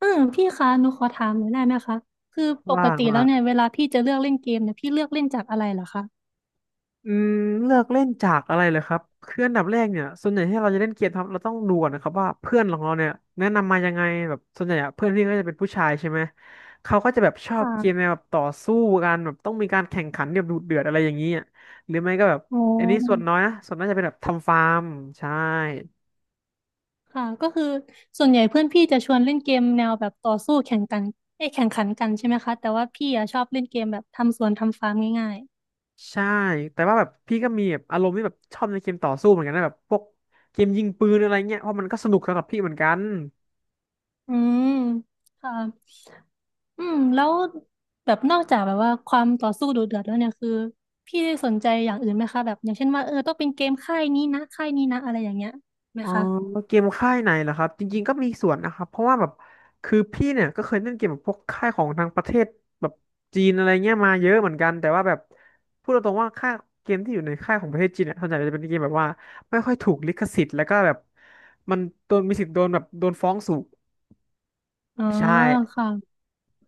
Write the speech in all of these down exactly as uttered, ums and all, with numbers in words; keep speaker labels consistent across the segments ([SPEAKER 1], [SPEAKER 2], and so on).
[SPEAKER 1] อืมพี่คะหนูขอถามหน่อยได้ไหมคะคือปก
[SPEAKER 2] ว่าง
[SPEAKER 1] ติแล้
[SPEAKER 2] มา
[SPEAKER 1] ว
[SPEAKER 2] ก
[SPEAKER 1] เนี่ยเวลาพี่จะเลือกเล่นเกมเนี่ยพี่เลือกเล่นจากอะไรเหรอคะ
[SPEAKER 2] อืมเลือกเล่นจากอะไรเลยครับคืออันดับแรกเนี่ยส่วนใหญ่ที่เราจะเล่นเกมครับเราต้องดูก่อนนะครับว่าเพื่อนของเราเนี่ยแนะนำมายังไงแบบส่วนใหญ่อะเพื่อนพี่ก็จะเป็นผู้ชายใช่ไหมเขาก็จะแบบชอบเกมแนว
[SPEAKER 1] ค่ะ
[SPEAKER 2] แบบต่อสู้กันแบบต้องมีการแข่งขันแบบดุเดือดอะไรอย่างนี้อะหรือไม่ก็แบบ
[SPEAKER 1] อ๋
[SPEAKER 2] อันนี้ส่วน
[SPEAKER 1] อ
[SPEAKER 2] น้อยนะส่วนน้อยจะเป็นแบบทำฟาร์มใช่
[SPEAKER 1] ค่ะก็คือส่วนใหญ่เพื่อนพี่จะชวนเล่นเกมแนวแบบต่อสู้แข่งกันเอ้ยแข่งขันกันใช่ไหมคะแต่ว่าพี่อะชอบเล่นเกมแบบทำสวนทำฟาร์มง่าย
[SPEAKER 2] ใช่แต่ว่าแบบพี่ก็มีแบบอารมณ์ที่แบบชอบในเกมต่อสู้เหมือนกันนะแบบพวกเกมยิงปืนอะไรเงี้ยเพราะมันก็สนุกสำหรับพี่เหมือนกัน
[SPEAKER 1] ๆอืมค่ะอืมแล้วแบบนอกจากแบบว่าความต่อสู้ดุเดือดแล้วเนี่ยคือพี่ได้สนใจอย่างอื่นไหมคะแบบอย่างเช่นว่าเออต้องเป็นเกมค่ายนี้นะค่ายนี้นะอะไรอย่างเงี้ยไหม
[SPEAKER 2] อ๋อ
[SPEAKER 1] คะ
[SPEAKER 2] เกมค่ายไหนเหรอครับจริงๆก็มีส่วนนะครับเพราะว่าแบบคือพี่เนี่ยก็เคยเล่นเกมแบบพวกค่ายของทางประเทศแบบจีนอะไรเงี้ยมาเยอะเหมือนกันแต่ว่าแบบพูดตรงๆว่าค่ายเกมที่อยู่ในค่ายของประเทศจีนเนี่ยส่วนใหญ่จะเป็นเกมแบบว่าไม่ค่อยถูกลิขสิทธิ์แล้วก็แบบมันโดนมีสิทธิ์โดนแบบโดนฟ้องสูง
[SPEAKER 1] อ๋อ
[SPEAKER 2] ใช่
[SPEAKER 1] ค่ะ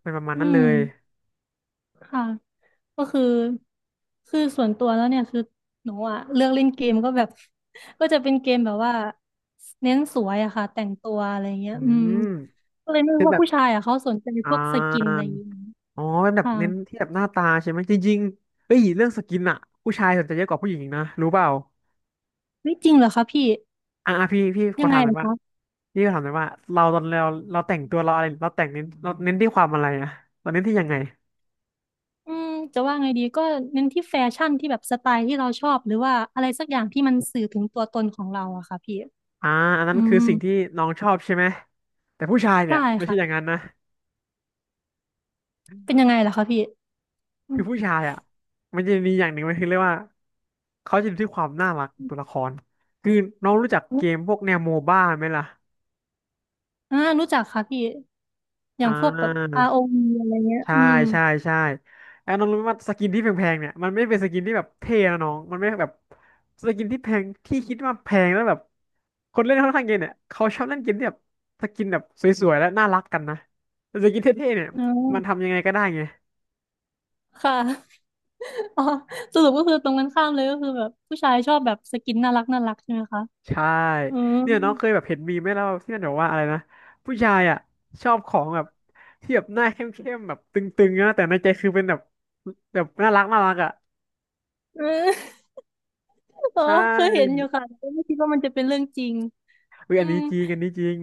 [SPEAKER 2] เป็นประมาณ
[SPEAKER 1] อื
[SPEAKER 2] นั้นเล
[SPEAKER 1] ม
[SPEAKER 2] ย
[SPEAKER 1] ค่ะก็คือคือส่วนตัวแล้วเนี่ยคือหนูอะเลือกเล่นเกมก็แบบ ก็จะเป็นเกมแบบว่าเน้นสวยอะค่ะแต่งตัวอะไรเงี้ย
[SPEAKER 2] อื
[SPEAKER 1] อืม
[SPEAKER 2] ม
[SPEAKER 1] ก็เลยไม่
[SPEAKER 2] คื
[SPEAKER 1] รู้
[SPEAKER 2] อ
[SPEAKER 1] ว่า
[SPEAKER 2] แบบ
[SPEAKER 1] ผู้ชายอะเขาสนใจ
[SPEAKER 2] อ่
[SPEAKER 1] พวกสกิน
[SPEAKER 2] า
[SPEAKER 1] อะไรอย่างงี้
[SPEAKER 2] อ๋อเป็นแบบ
[SPEAKER 1] ค่ะ
[SPEAKER 2] เน้นที่แบบหน้าตาใช่ไหมจริงๆเฮ้ยเรื่องสกินอะผู้ชายสนใจเยอะกว่าผู้หญิงอีกนะรู้เปล่า
[SPEAKER 1] เฮ้ยจริงเหรอคะพี่
[SPEAKER 2] อ่ะอ่ะพี่พี่ขอ
[SPEAKER 1] ยังไง
[SPEAKER 2] ถามห
[SPEAKER 1] เห
[SPEAKER 2] น่
[SPEAKER 1] ร
[SPEAKER 2] อย
[SPEAKER 1] อ
[SPEAKER 2] ว่า
[SPEAKER 1] คะ
[SPEAKER 2] พี่ขอถามหน่อยว่าเราตอนเราเราแต่งตัวเราอะไรเราแต่งเน้นเราเน้นที่ความอะไรอะเราเน้นที่ยังไง
[SPEAKER 1] อืมจะว่าไงดีก็เน้นที่แฟชั่นที่แบบสไตล์ที่เราชอบหรือว่าอะไรสักอย่างที่มันสื่อถึงตัวตนของเราอะค่ะพี่
[SPEAKER 2] อ่าอันนั้
[SPEAKER 1] อื
[SPEAKER 2] นคือ
[SPEAKER 1] ม
[SPEAKER 2] สิ่งที่น้องชอบใช่ไหมแต่ผู้ชายเนี่
[SPEAKER 1] ได้
[SPEAKER 2] ยไม่ใช่อย่าง
[SPEAKER 1] ค่ะ
[SPEAKER 2] นั้นนะ
[SPEAKER 1] เป็นยังไงล่ะคะพี่อื
[SPEAKER 2] คือ
[SPEAKER 1] ม
[SPEAKER 2] ผู้ชายอ่ะมันจะมีอย่างหนึ่งมันคือเรียกว่าเขาจะดูที่ความน่ารักของตัวละครคือน้องรู้จักเกมพวกแนวโมบ้าไหมล่ะ
[SPEAKER 1] อ่ารู้จักค่ะพี่ อย่า
[SPEAKER 2] อ่
[SPEAKER 1] งพวกแบบ
[SPEAKER 2] า
[SPEAKER 1] อาร์ โอ วี อวีอะไรเงี้ย
[SPEAKER 2] ใช่
[SPEAKER 1] อืม
[SPEAKER 2] ใช่ใช่ไอ้น้องรู้ไหมว่าสกินที่แพงๆเนี่ยมันไม่เป็นสกินที่แบบเท่นะน้องมันไม่แบบสกินที่แพงที่คิดว่าแพงแล้วแบบคนเล่นค่อนข้างเกมเนี่ยเขาชอบเล่นเกมที่แบบสกินแบบสวยๆและน่ารักกันนะแต่สกินเท่ๆเนี่ย
[SPEAKER 1] อ๋
[SPEAKER 2] มัน
[SPEAKER 1] อ
[SPEAKER 2] ทำยังไงก็ได้ไง
[SPEAKER 1] ค่ะ อ๋อ สรุปก็คือตรงกันข้ามเลยก็คือแบบผู้ชายชอบแบบสกินน่ารักน่ารักใช่ไหมคะ
[SPEAKER 2] ใช่
[SPEAKER 1] อืม
[SPEAKER 2] เนี่ยน้องเคยแบบเห็นมีมไหมแล้วที่มันบอกว่าอะไรนะผู้ชายอ่ะชอบของแบบที่แบบหน้าเข้มๆแบบตึงๆนะแต่ในใจคือเป็นแบบแบบน่ารักน่ารักอ่ะ
[SPEAKER 1] เอืม อ๋อ
[SPEAKER 2] ใช่
[SPEAKER 1] เคยเห็นอยู่ค่ะแต่ก็ไม่คิดว่ามันจะเป็นเรื่องจริง
[SPEAKER 2] เฮ้ย
[SPEAKER 1] อื
[SPEAKER 2] อันนี้
[SPEAKER 1] ม
[SPEAKER 2] จริงอันนี้จริง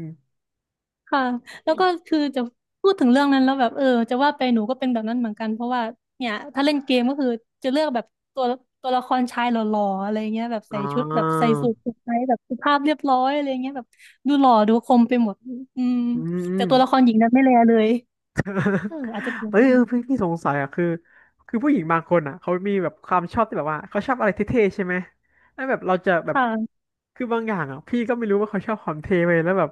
[SPEAKER 1] ค่ะแล้วก็คือจะพูดถึงเรื่องนั้นแล้วแบบเออจะว่าไปหนูก็เป็นแบบนั้นเหมือนกันเพราะว่าเนี่ยถ้าเล่นเกมก็คือจะเลือกแบบตัวตัวละครชายหล่อๆอะไรเงี้ยแบบ
[SPEAKER 2] อ่
[SPEAKER 1] ใส่ชุดแบบ
[SPEAKER 2] า
[SPEAKER 1] ใส่สูทสุดไทยแบบสุภาพเรียบร้อยอะไรเงี้ยแบบดูหล่อดูคมไปหมดอืม
[SPEAKER 2] อืมอื
[SPEAKER 1] แต่
[SPEAKER 2] ม
[SPEAKER 1] ตัวละครหญิงนั้นไม่แลเลยเอออาจจะเป็นอย่าง
[SPEAKER 2] เอ้ยเออ
[SPEAKER 1] นั้น
[SPEAKER 2] พี่พี่สงสัยอ่ะคือคือผู้หญิงบางคนอ่ะเขามีแบบความชอบที่แบบว่าเขาชอบอะไรเท่ๆใช่ไหมแล้วแบบเราจะแบบ
[SPEAKER 1] ค่ะ
[SPEAKER 2] คือบางอย่างอ่ะพี่ก็ไม่รู้ว่าเขาชอบความเท่ไปแล้วแบบ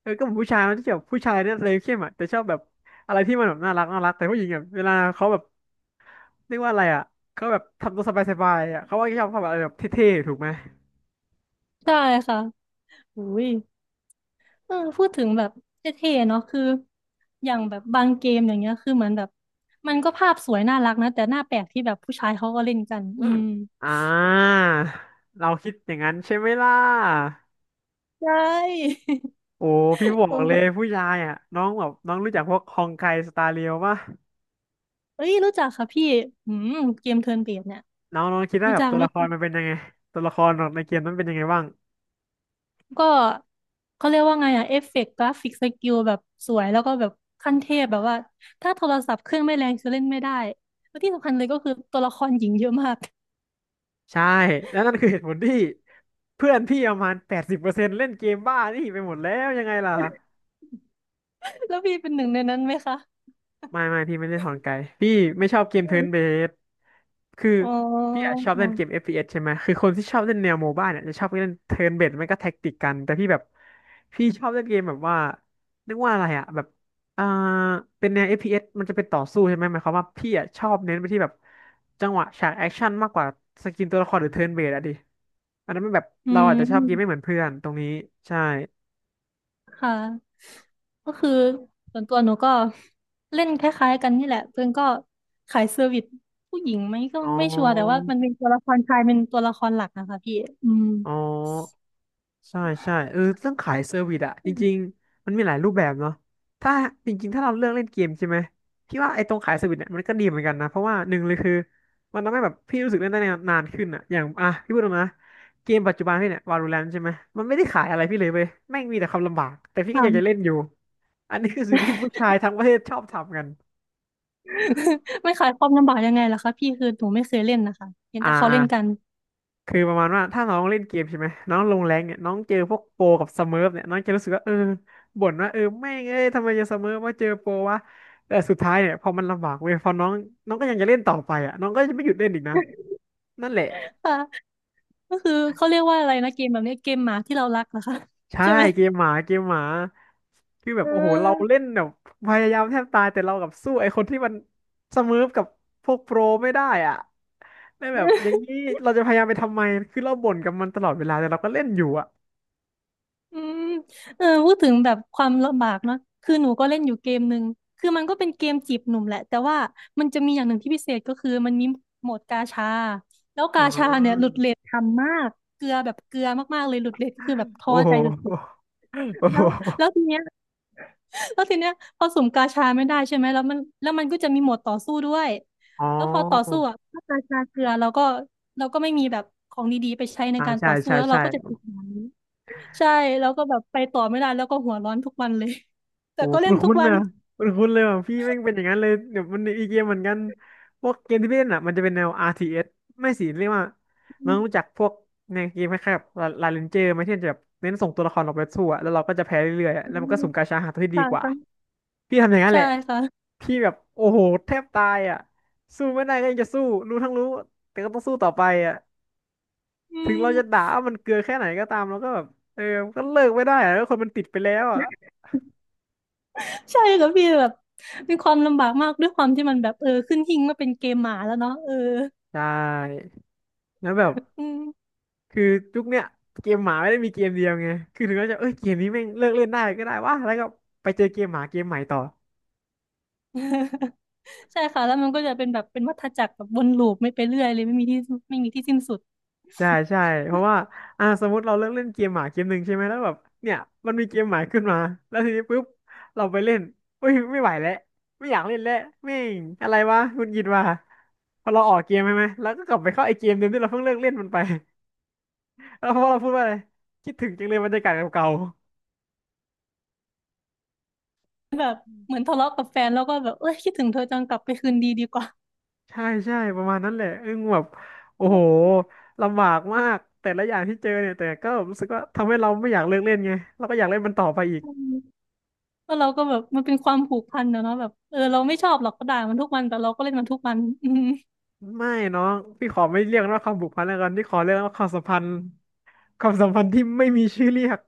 [SPEAKER 2] เออก็เหมือนผู้ชายมันจะแบบผู้ชายเนี่ยเลยเข้มอ่ะแต่ชอบแบบอะไรที่มันแบบน่ารักน่ารักแต่ผู้หญิงอ่ะเวลาเขาแบบเรียกว่าอะไรอ่ะเขาแบบทำตัวสบายๆอ่ะเขาว่าชอบความอะไรแบบเท่ๆถูกไหม
[SPEAKER 1] ได้ค่ะอุ้ยเออพูดถึงแบบเท่ๆเนาะคืออย่างแบบบางเกมอย่างเงี้ยคือเหมือนแบบมันก็ภาพสวยน่ารักนะแต่หน้าแปลกที่แบบผู้ชายเขาก็เล่นกัน
[SPEAKER 2] อื
[SPEAKER 1] อื
[SPEAKER 2] ม
[SPEAKER 1] ม
[SPEAKER 2] อ่าเราคิดอย่างนั้นใช่ไหมล่ะ
[SPEAKER 1] ใช่
[SPEAKER 2] โอ้พี่ บอ
[SPEAKER 1] โอ้
[SPEAKER 2] กเล
[SPEAKER 1] โห
[SPEAKER 2] ยผู้ชายอ่ะน้องแบบน้องรู้จักพวกฮองไกสตาร์เรียวป่ะ
[SPEAKER 1] เอ้ยรู้จักค่ะพี่อืมเกมเทิร์นเบสเนี่ย
[SPEAKER 2] น้องน้องคิดว่า
[SPEAKER 1] รู้
[SPEAKER 2] แบบ
[SPEAKER 1] จัก
[SPEAKER 2] ตัว
[SPEAKER 1] รู้
[SPEAKER 2] ละค
[SPEAKER 1] จัก
[SPEAKER 2] รมันเป็นยังไงตัวละครของในเกมนั้นเป็นยังไงบ้าง
[SPEAKER 1] ก็เขาเรียกว่าไงอะเอฟเฟกต์กราฟิกสกิลแบบสวยแล้วก็แบบขั้นเทพแบบว่าถ้าโทรศัพท์เครื่องไม่แรงจะเล่นไม่ได้แล้วที่สำคัญเลยก็คือตัวละครหญิงเยอะมาก
[SPEAKER 2] ใช่แล้วนั่นคือเหตุผลที่เพื่อนพี่ประมาณแปดสิบเปอร์เซ็นต์เล่นเกมบ้านี่ไปหมดแล้วยังไงล่ะ
[SPEAKER 1] แล้วพี่เป็นหนึ่งในนั้นไหมคะ
[SPEAKER 2] ไม่ไม่พี่ไม่ได้ถอนไกลพี่ไม่ชอบเกมเทิร์นเบสคือ
[SPEAKER 1] อ๋
[SPEAKER 2] พี่อะ
[SPEAKER 1] อ
[SPEAKER 2] ชอบเล่นเกม f อฟพีเอสใช่ไหมคือคนที่ชอบเล่นแนวโมบ้าเนี่ยจะชอบเล่นเทิร์นเบสไม่ก็แท็กติกกันแต่พี่แบบพี่ชอบเล่นเกมแบบว่าเรียกว่าอะไรอะแบบอ่าเป็นแนว f อฟพีเอสมันจะเป็นต่อสู้ใช่ไหมหมายความว่าพี่อะชอบเน้นไปที่แบบจังหวะฉากแอคชั่นมากกว่าสกินตัวละครหรือเทิร์นเบสอะดิอันนั้นมันแบบ
[SPEAKER 1] อื
[SPEAKER 2] เราอาจจะชอบเกมไม่เหมือ
[SPEAKER 1] ม
[SPEAKER 2] นเพื่อนตรงนี้ใช่
[SPEAKER 1] ค่ะก็คือส่วนตัวหนูก็เล่นคล้ายๆกันนี่แหละเพื่อนก็ขายเซอร์วิสผู้หญิงไหมก็
[SPEAKER 2] อ๋อ
[SPEAKER 1] ไม่ชัวร์แต่ว่ามันเป็นตัวละครชายเป็นตัวละครหลักนะคะพี่อืม
[SPEAKER 2] อ๋อ ใช่ใช่เออเรื่องขายเซอร์วิสอะจริงๆมันมีหลายรูปแบบเนาะถ้าจริงๆถ้าเราเลือกเล่นเกมใช่ไหมพี่ว่าไอ้ตรงขายเซอร์วิสเนี่ยมันก็ดีเหมือนกันนะเพราะว่าหนึ่งเลยคือมันทำให้แบบพี่รู้สึกเล่นได้นานขึ้นอะอย่างอ่ะพี่พูดตรงนะเกมปัจจุบันพี่เนี่ยวาโลแรนใช่ไหมมันไม่ได้ขายอะไรพี่เลยเว้ยแม่งมีแต่ความลำบากแต่พี่ก็
[SPEAKER 1] ค่ะ
[SPEAKER 2] อยากจะเล่นอยู่อันนี้คือสิ่งที่ผู้ชายทั้งประเทศชอบทำกัน
[SPEAKER 1] ไม่ขายความลำบากยังไงล่ะคะพี่คือหนูไม่เคยเล่นนะคะเห็น
[SPEAKER 2] อ่า
[SPEAKER 1] แต่เขา
[SPEAKER 2] อ่า
[SPEAKER 1] เล่นกัน
[SPEAKER 2] คือประมาณว่าถ้าน้องเล่นเกมใช่ไหมน้องลงแรงเนี่ยน้องเจอพวกโปรกับสเมิร์ฟเนี่ยน้องจะรู้สึกว่าเออบ่นว่าเออแม่งเอ้ยทำไมจะสเมิร์ฟว่าเจอโปรวะแต่สุดท้ายเนี่ยพอมันลำบากเว้ยพอน้องน้องก็ยังจะเล่นต่อไปอ่ะน้องก็จะไม่หยุดเล่นอีกนะนั่นแหละ
[SPEAKER 1] ค่ะก็คือเขาเรียกว่าอะไรนะเกมแบบนี้เกมหมาที่เรารักนะคะ
[SPEAKER 2] ใช่
[SPEAKER 1] ใช่ไหม
[SPEAKER 2] เกมหมาเกมหมาคือแบ
[SPEAKER 1] เอ
[SPEAKER 2] บโอ้โหเราเล่น
[SPEAKER 1] อ
[SPEAKER 2] แบบพยายามแทบตายแต่เรากับสู้ไอ้คนที่มันสเมิร์ฟกับพวกโปรไม่ได้อ่ะไล้แบบอย่างนี้เราจะพยายามไปทำไมคือเราบ่นกับมันตลอดเวลาแต่เราก็เล่นอยู่อ่ะ
[SPEAKER 1] อืมเออพูดถึงแบบความลำบากเนาะคือหนูก็เล่นอยู่เกมหนึ่งคือมันก็เป็นเกมจีบหนุ่มแหละแต่ว่ามันจะมีอย่างหนึ่งที่พิเศษก็คือมันมีโหมดกาชาแล้ว
[SPEAKER 2] อ๋
[SPEAKER 1] กาชาเนี่ยหลุ
[SPEAKER 2] อ
[SPEAKER 1] ดเรททำมากเกลือแบบเกลือมากๆเลยหลุดเรทก็คือแบบท้
[SPEAKER 2] โอ้
[SPEAKER 1] อ
[SPEAKER 2] โ
[SPEAKER 1] ใจสุด
[SPEAKER 2] หโอ้
[SPEAKER 1] ๆ
[SPEAKER 2] โห
[SPEAKER 1] แล้วแล้วทีเนี้ย แล้วทีเนี้ยพอสุ่มกาชาไม่ได้ใช่ไหมแล้วมันแล้วมันก็จะมีโหมดต่อสู้ด้วย
[SPEAKER 2] อ๋
[SPEAKER 1] แล้วพอต่อสู้
[SPEAKER 2] อ
[SPEAKER 1] อ่ะถ้ากาชาเกลือเราก็เราก็ไม่มีแบบของดีๆไปใช้ใน
[SPEAKER 2] อ่า
[SPEAKER 1] การ
[SPEAKER 2] ใช่
[SPEAKER 1] ต่อสู้
[SPEAKER 2] ใช่
[SPEAKER 1] แล้วเรา
[SPEAKER 2] ใช่
[SPEAKER 1] ก็จะติดแบบนี้ใช่แล้วก็แบบไปต่อไม่ได้แล้วก็หัวร้อนทุกวันเลย แต่
[SPEAKER 2] โอ้
[SPEAKER 1] ก็เล่
[SPEAKER 2] คุ้
[SPEAKER 1] น
[SPEAKER 2] น
[SPEAKER 1] ทุ
[SPEAKER 2] คุ้
[SPEAKER 1] ก
[SPEAKER 2] น
[SPEAKER 1] วัน
[SPEAKER 2] นะคุ้นคุ้นเลยว่ะพี่แม่งเป็นอย่างนั้นเลยเดี๋ยวมันอีเกมเหมือนกันพวกเกมที่พี่เล่นอ่ะมันจะเป็นแนว อาร์ ที เอส ไม่สิเรียกว่า
[SPEAKER 1] อื
[SPEAKER 2] น้อง
[SPEAKER 1] ม
[SPEAKER 2] รู้จักพวกในเกมคล้ายๆกบบลาเรนเจอร์ไหมที่มันจะแบบเน้นส่งตัวละครออกไปสู้อะแล้วเราก็จะแพ้เรื่อยๆอะแล้วมันก็สุ่มกาชาหาตัวที่ดี
[SPEAKER 1] ค่ะ
[SPEAKER 2] กว่า
[SPEAKER 1] ค่ะ
[SPEAKER 2] พี่ทำอย่างนั้นแห
[SPEAKER 1] ใช่
[SPEAKER 2] ละ
[SPEAKER 1] ค่ะ
[SPEAKER 2] พี่แบบโอ้โหแทบตายอ่ะสู้ไม่ได้ก็ยังจะสู้รู้ทั้งรู้แต่ก็ต้องสู้ต่อไปอ่ะ
[SPEAKER 1] อื
[SPEAKER 2] ถึงเราจะด่า
[SPEAKER 1] ม
[SPEAKER 2] ว่ามันเกลือแค่ไหนก็ตามเราก็แบบเออมันก็เลิกไม่ได้อะแล้วคนมันติดไปแล้วอ่ะ
[SPEAKER 1] ใช่ค่ะพี่แบบมีความลำบากมากด้วยความที่มันแบบเออขึ้นหิ้งมาเป็นเกมหมาแล้วเนาะเออ
[SPEAKER 2] ใช่แล้วแบบ
[SPEAKER 1] อืม
[SPEAKER 2] คือยุคเนี้ยเกมหมาไม่ได้มีเกมเดียวไงคือถึงเราจะเอ้ยเกมนี้แม่งเลิกเล่นได้ก็ได้วะแล้วก็ไปเจอเกมหมาเกมใหม่ต่อ
[SPEAKER 1] ใช่ค่ะแล้วมันก็จะเป็นแบบเป็นวัฏจักรแบบวนลูปไม่ไปเรื่อยเลยไม่มีที่ไม่มีที่สิ้นสุด
[SPEAKER 2] ใช่ใช่เพราะว่าอ่าสมมติเราเลิกเล่นเกมหมาเกมหนึ่งใช่ไหมแล้วแบบเนี่ยมันมีเกมหมาขึ้นมาแล้วทีนี้ปุ๊บเราไปเล่นเอ้ยไม่ไหวแล้วไม่อยากเล่นแล้วแม่งอะไรวะหงุดหงิดว่ะพอเราออกเกมใช่ไหมแล้วก็กลับไปเข้าไอเกมเดิมที่เราเพิ่งเลิกเล่นมันไป แล้วพอเราพูดว่าอะไรคิดถึงจังเลยบรรยากาศเก่า
[SPEAKER 1] เหมือนทะเลาะกับแฟนแล้วก็แบบเอ้ยคิดถึงเธอจังกลับไปคืนดีดีกว่า
[SPEAKER 2] ๆใช่ใช่ประมาณนั้นแหละอึ้งแบบโอ้โหลำบากมากแต่ละอย่างที่เจอเนี่ยแต่ก็รู้สึกว่าทำให้เราไม่อยากเลิกเล่นไงเราก็อยากเล่นมันต่อไปอี ก
[SPEAKER 1] อืมก็เราก็แบบมันเป็นความผูกพันนะเนาะแบบเออเราไม่ชอบหรอกก็ด่ามันทุกวันแต่เราก็เล่นมันทุกวัน อืม
[SPEAKER 2] ไม่น้องพี่ขอไม่เรียกว่าความผูกพันแล้วกันพี่ขอเรียกว่าความสัมพันธ์ความสัมพันธ์ที่ไม่มีชื่อเรียก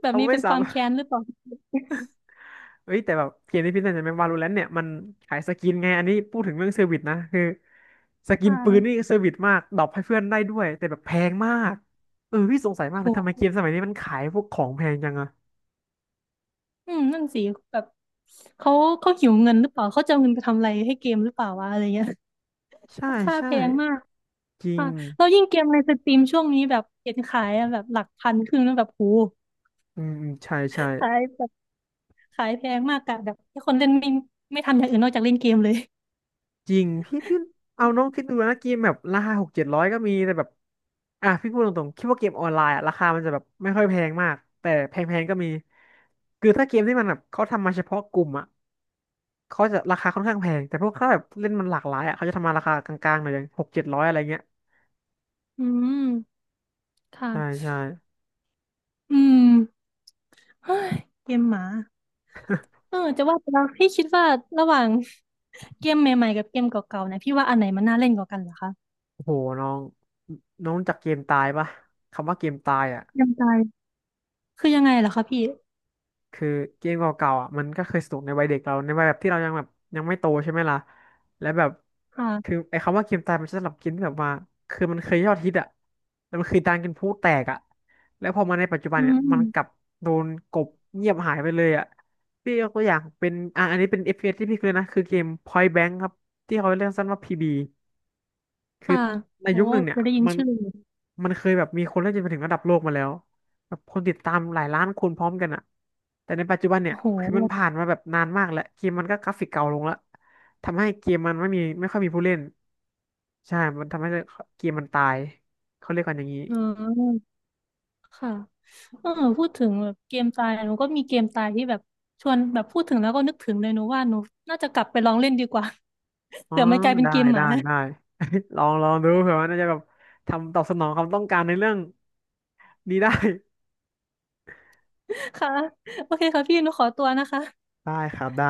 [SPEAKER 1] แบบ
[SPEAKER 2] เรา
[SPEAKER 1] นี้
[SPEAKER 2] ไม่
[SPEAKER 1] เป็น
[SPEAKER 2] สา
[SPEAKER 1] ความ
[SPEAKER 2] มารถ
[SPEAKER 1] แค้นหรือเปล่า
[SPEAKER 2] เอ้ยแต่แบบเกมที่พี่เล่นในแมวาโลแลนต์เนี่ยมันขายสกินไงอันนี้พูดถึงเรื่องเซอร์วิสนะคือสกิน
[SPEAKER 1] ต่า
[SPEAKER 2] ปื
[SPEAKER 1] ง
[SPEAKER 2] นนี่เซอร์วิสมากดรอปให้เพื่อนได้ด้วยแต่แบบแพงมากเออพี่สงสัยมา
[SPEAKER 1] โ
[SPEAKER 2] กเลยทำไม
[SPEAKER 1] ห
[SPEAKER 2] เกมสมัยนี้มันขายพวกของแพงจังอะ
[SPEAKER 1] อืมนั่นสิแบบเขาเขาหิวเงินหรือเปล่าเขาจะเอาเงินไปทำอะไรให้เกมหรือเปล่าวะอะไรเงี้ย
[SPEAKER 2] ใช่
[SPEAKER 1] ค่า
[SPEAKER 2] ใช่
[SPEAKER 1] แพงมาก
[SPEAKER 2] จริง
[SPEAKER 1] ค่ะแล้วยิ่งเกมในสตรีมช่วงนี้แบบเห็นขายอะแบบหลักพันขึ้นแล้วแบบโห
[SPEAKER 2] อืมอืมใช่ใช่
[SPEAKER 1] ขาย ขายแพงมากกะแบบให้คนเล่นไม่ไม่ทำอย่างอื่นนอกจากเล่นเกมเลย
[SPEAKER 2] จริงพี่พี่เอาน้องคิดดูนะเกมแบบราคาหกเจ็ดร้อยก็มีแต่แบบอ่ะพี่พูดตรงๆคิดว่าเกมออนไลน์อะราคามันจะแบบไม่ค่อยแพงมากแต่แพงๆก็มีคือถ้าเกมที่มันแบบเขาทำมาเฉพาะกลุ่มอะ เขาจะราคาค่อนข้างแพงแต่พวกถ้าแบบเล่นมันหลากหลายอ่ะเขาจะทำมาราคากลางๆหน่อยอย่างหกเจ็ดร้อยอะไรเงี้ย
[SPEAKER 1] อืม
[SPEAKER 2] ใช่
[SPEAKER 1] ค่ะ
[SPEAKER 2] ใช่
[SPEAKER 1] อืมเฮ้ยเกมหมาเออจะว่าไปแล้วพี่คิดว่าระหว่าง เกมใหม่ๆกับเกมเก่าๆเนี่ยพี่ว่าอันไหนมันน่าเล่นกว่ากันเหรอคะ
[SPEAKER 2] โอ้โหน้องน้องรู้จักเกมตายปะคำว่าเกมตายอ่ะ
[SPEAKER 1] ยังไงคือยังไงเหรอคะพี่
[SPEAKER 2] คือเกมเก่าๆอ่ะมันก็เคยสนุกในวัยเด็กเราในวัยแบบที่เรายังแบบยังไม่โตใช่ไหมล่ะและแบบคือ
[SPEAKER 1] ค่ะ
[SPEAKER 2] ไอ้คำว่าเกมตายมันจะสำหรับเกินแบบว่าคือมันเคยยอดฮิตอ่ะแล้วมันคือดังกินพลุแตกอ่ะแล้วพอมาในปัจจุบัน
[SPEAKER 1] อื
[SPEAKER 2] เนี่ยมันกลับ
[SPEAKER 1] ม
[SPEAKER 2] โดนกลบเงียบหายไปเลยอ่ะพี่ยกตัวอย่างเป็นอ่ะอันนี้เป็น เอฟ พี เอส ที่พี่เคยนะคือเกม Point Blank ครับที่เขาเรียกสั้นว่า พี บี คือ
[SPEAKER 1] ค่ะ
[SPEAKER 2] ใน
[SPEAKER 1] โอ้
[SPEAKER 2] ยุคหนึ่งเนี่ย
[SPEAKER 1] จะได้ยิน
[SPEAKER 2] มัน
[SPEAKER 1] ชื่ออยู่
[SPEAKER 2] มันเคยแบบมีคนเล่นจนไปถึงระดับโลกมาแล้วแบบคนติดตามหลายล้านคนพร้อมกันอะแต่ในปัจจุบันเนี่
[SPEAKER 1] โอ้
[SPEAKER 2] ย
[SPEAKER 1] โห
[SPEAKER 2] คือมันผ่านมาแบบนานมากแล้วเกมมันก็กราฟิกเก่าลงแล้วทำให้เกมมันไม่มีไม่ค่อยมีผู้เล่นใช่มันทำให้เกมมันตายเขาเรียกกันอย่างนี้
[SPEAKER 1] เออ ค่ะเออพูดถึงแบบเกมตายหนูก็มีเกมตายที่แบบชวนแบบพูดถึงแล้วก็นึกถึงเลยหนูว่าหนูน่าจะกลับไปลองเล่นดีกว่า
[SPEAKER 2] อ๋อ
[SPEAKER 1] เดี๋ยวมันกลายเป็น
[SPEAKER 2] ได้
[SPEAKER 1] เกมห
[SPEAKER 2] ได้
[SPEAKER 1] มา
[SPEAKER 2] ได้ ลองลองดูเผื่อว่าน่าจะแบบทำตอบสนองความต้องการในเรื่องนี้ได้
[SPEAKER 1] ค่ะ โอเคค่ะพี่หนูขอตัวนะคะ
[SPEAKER 2] ได้ครับได้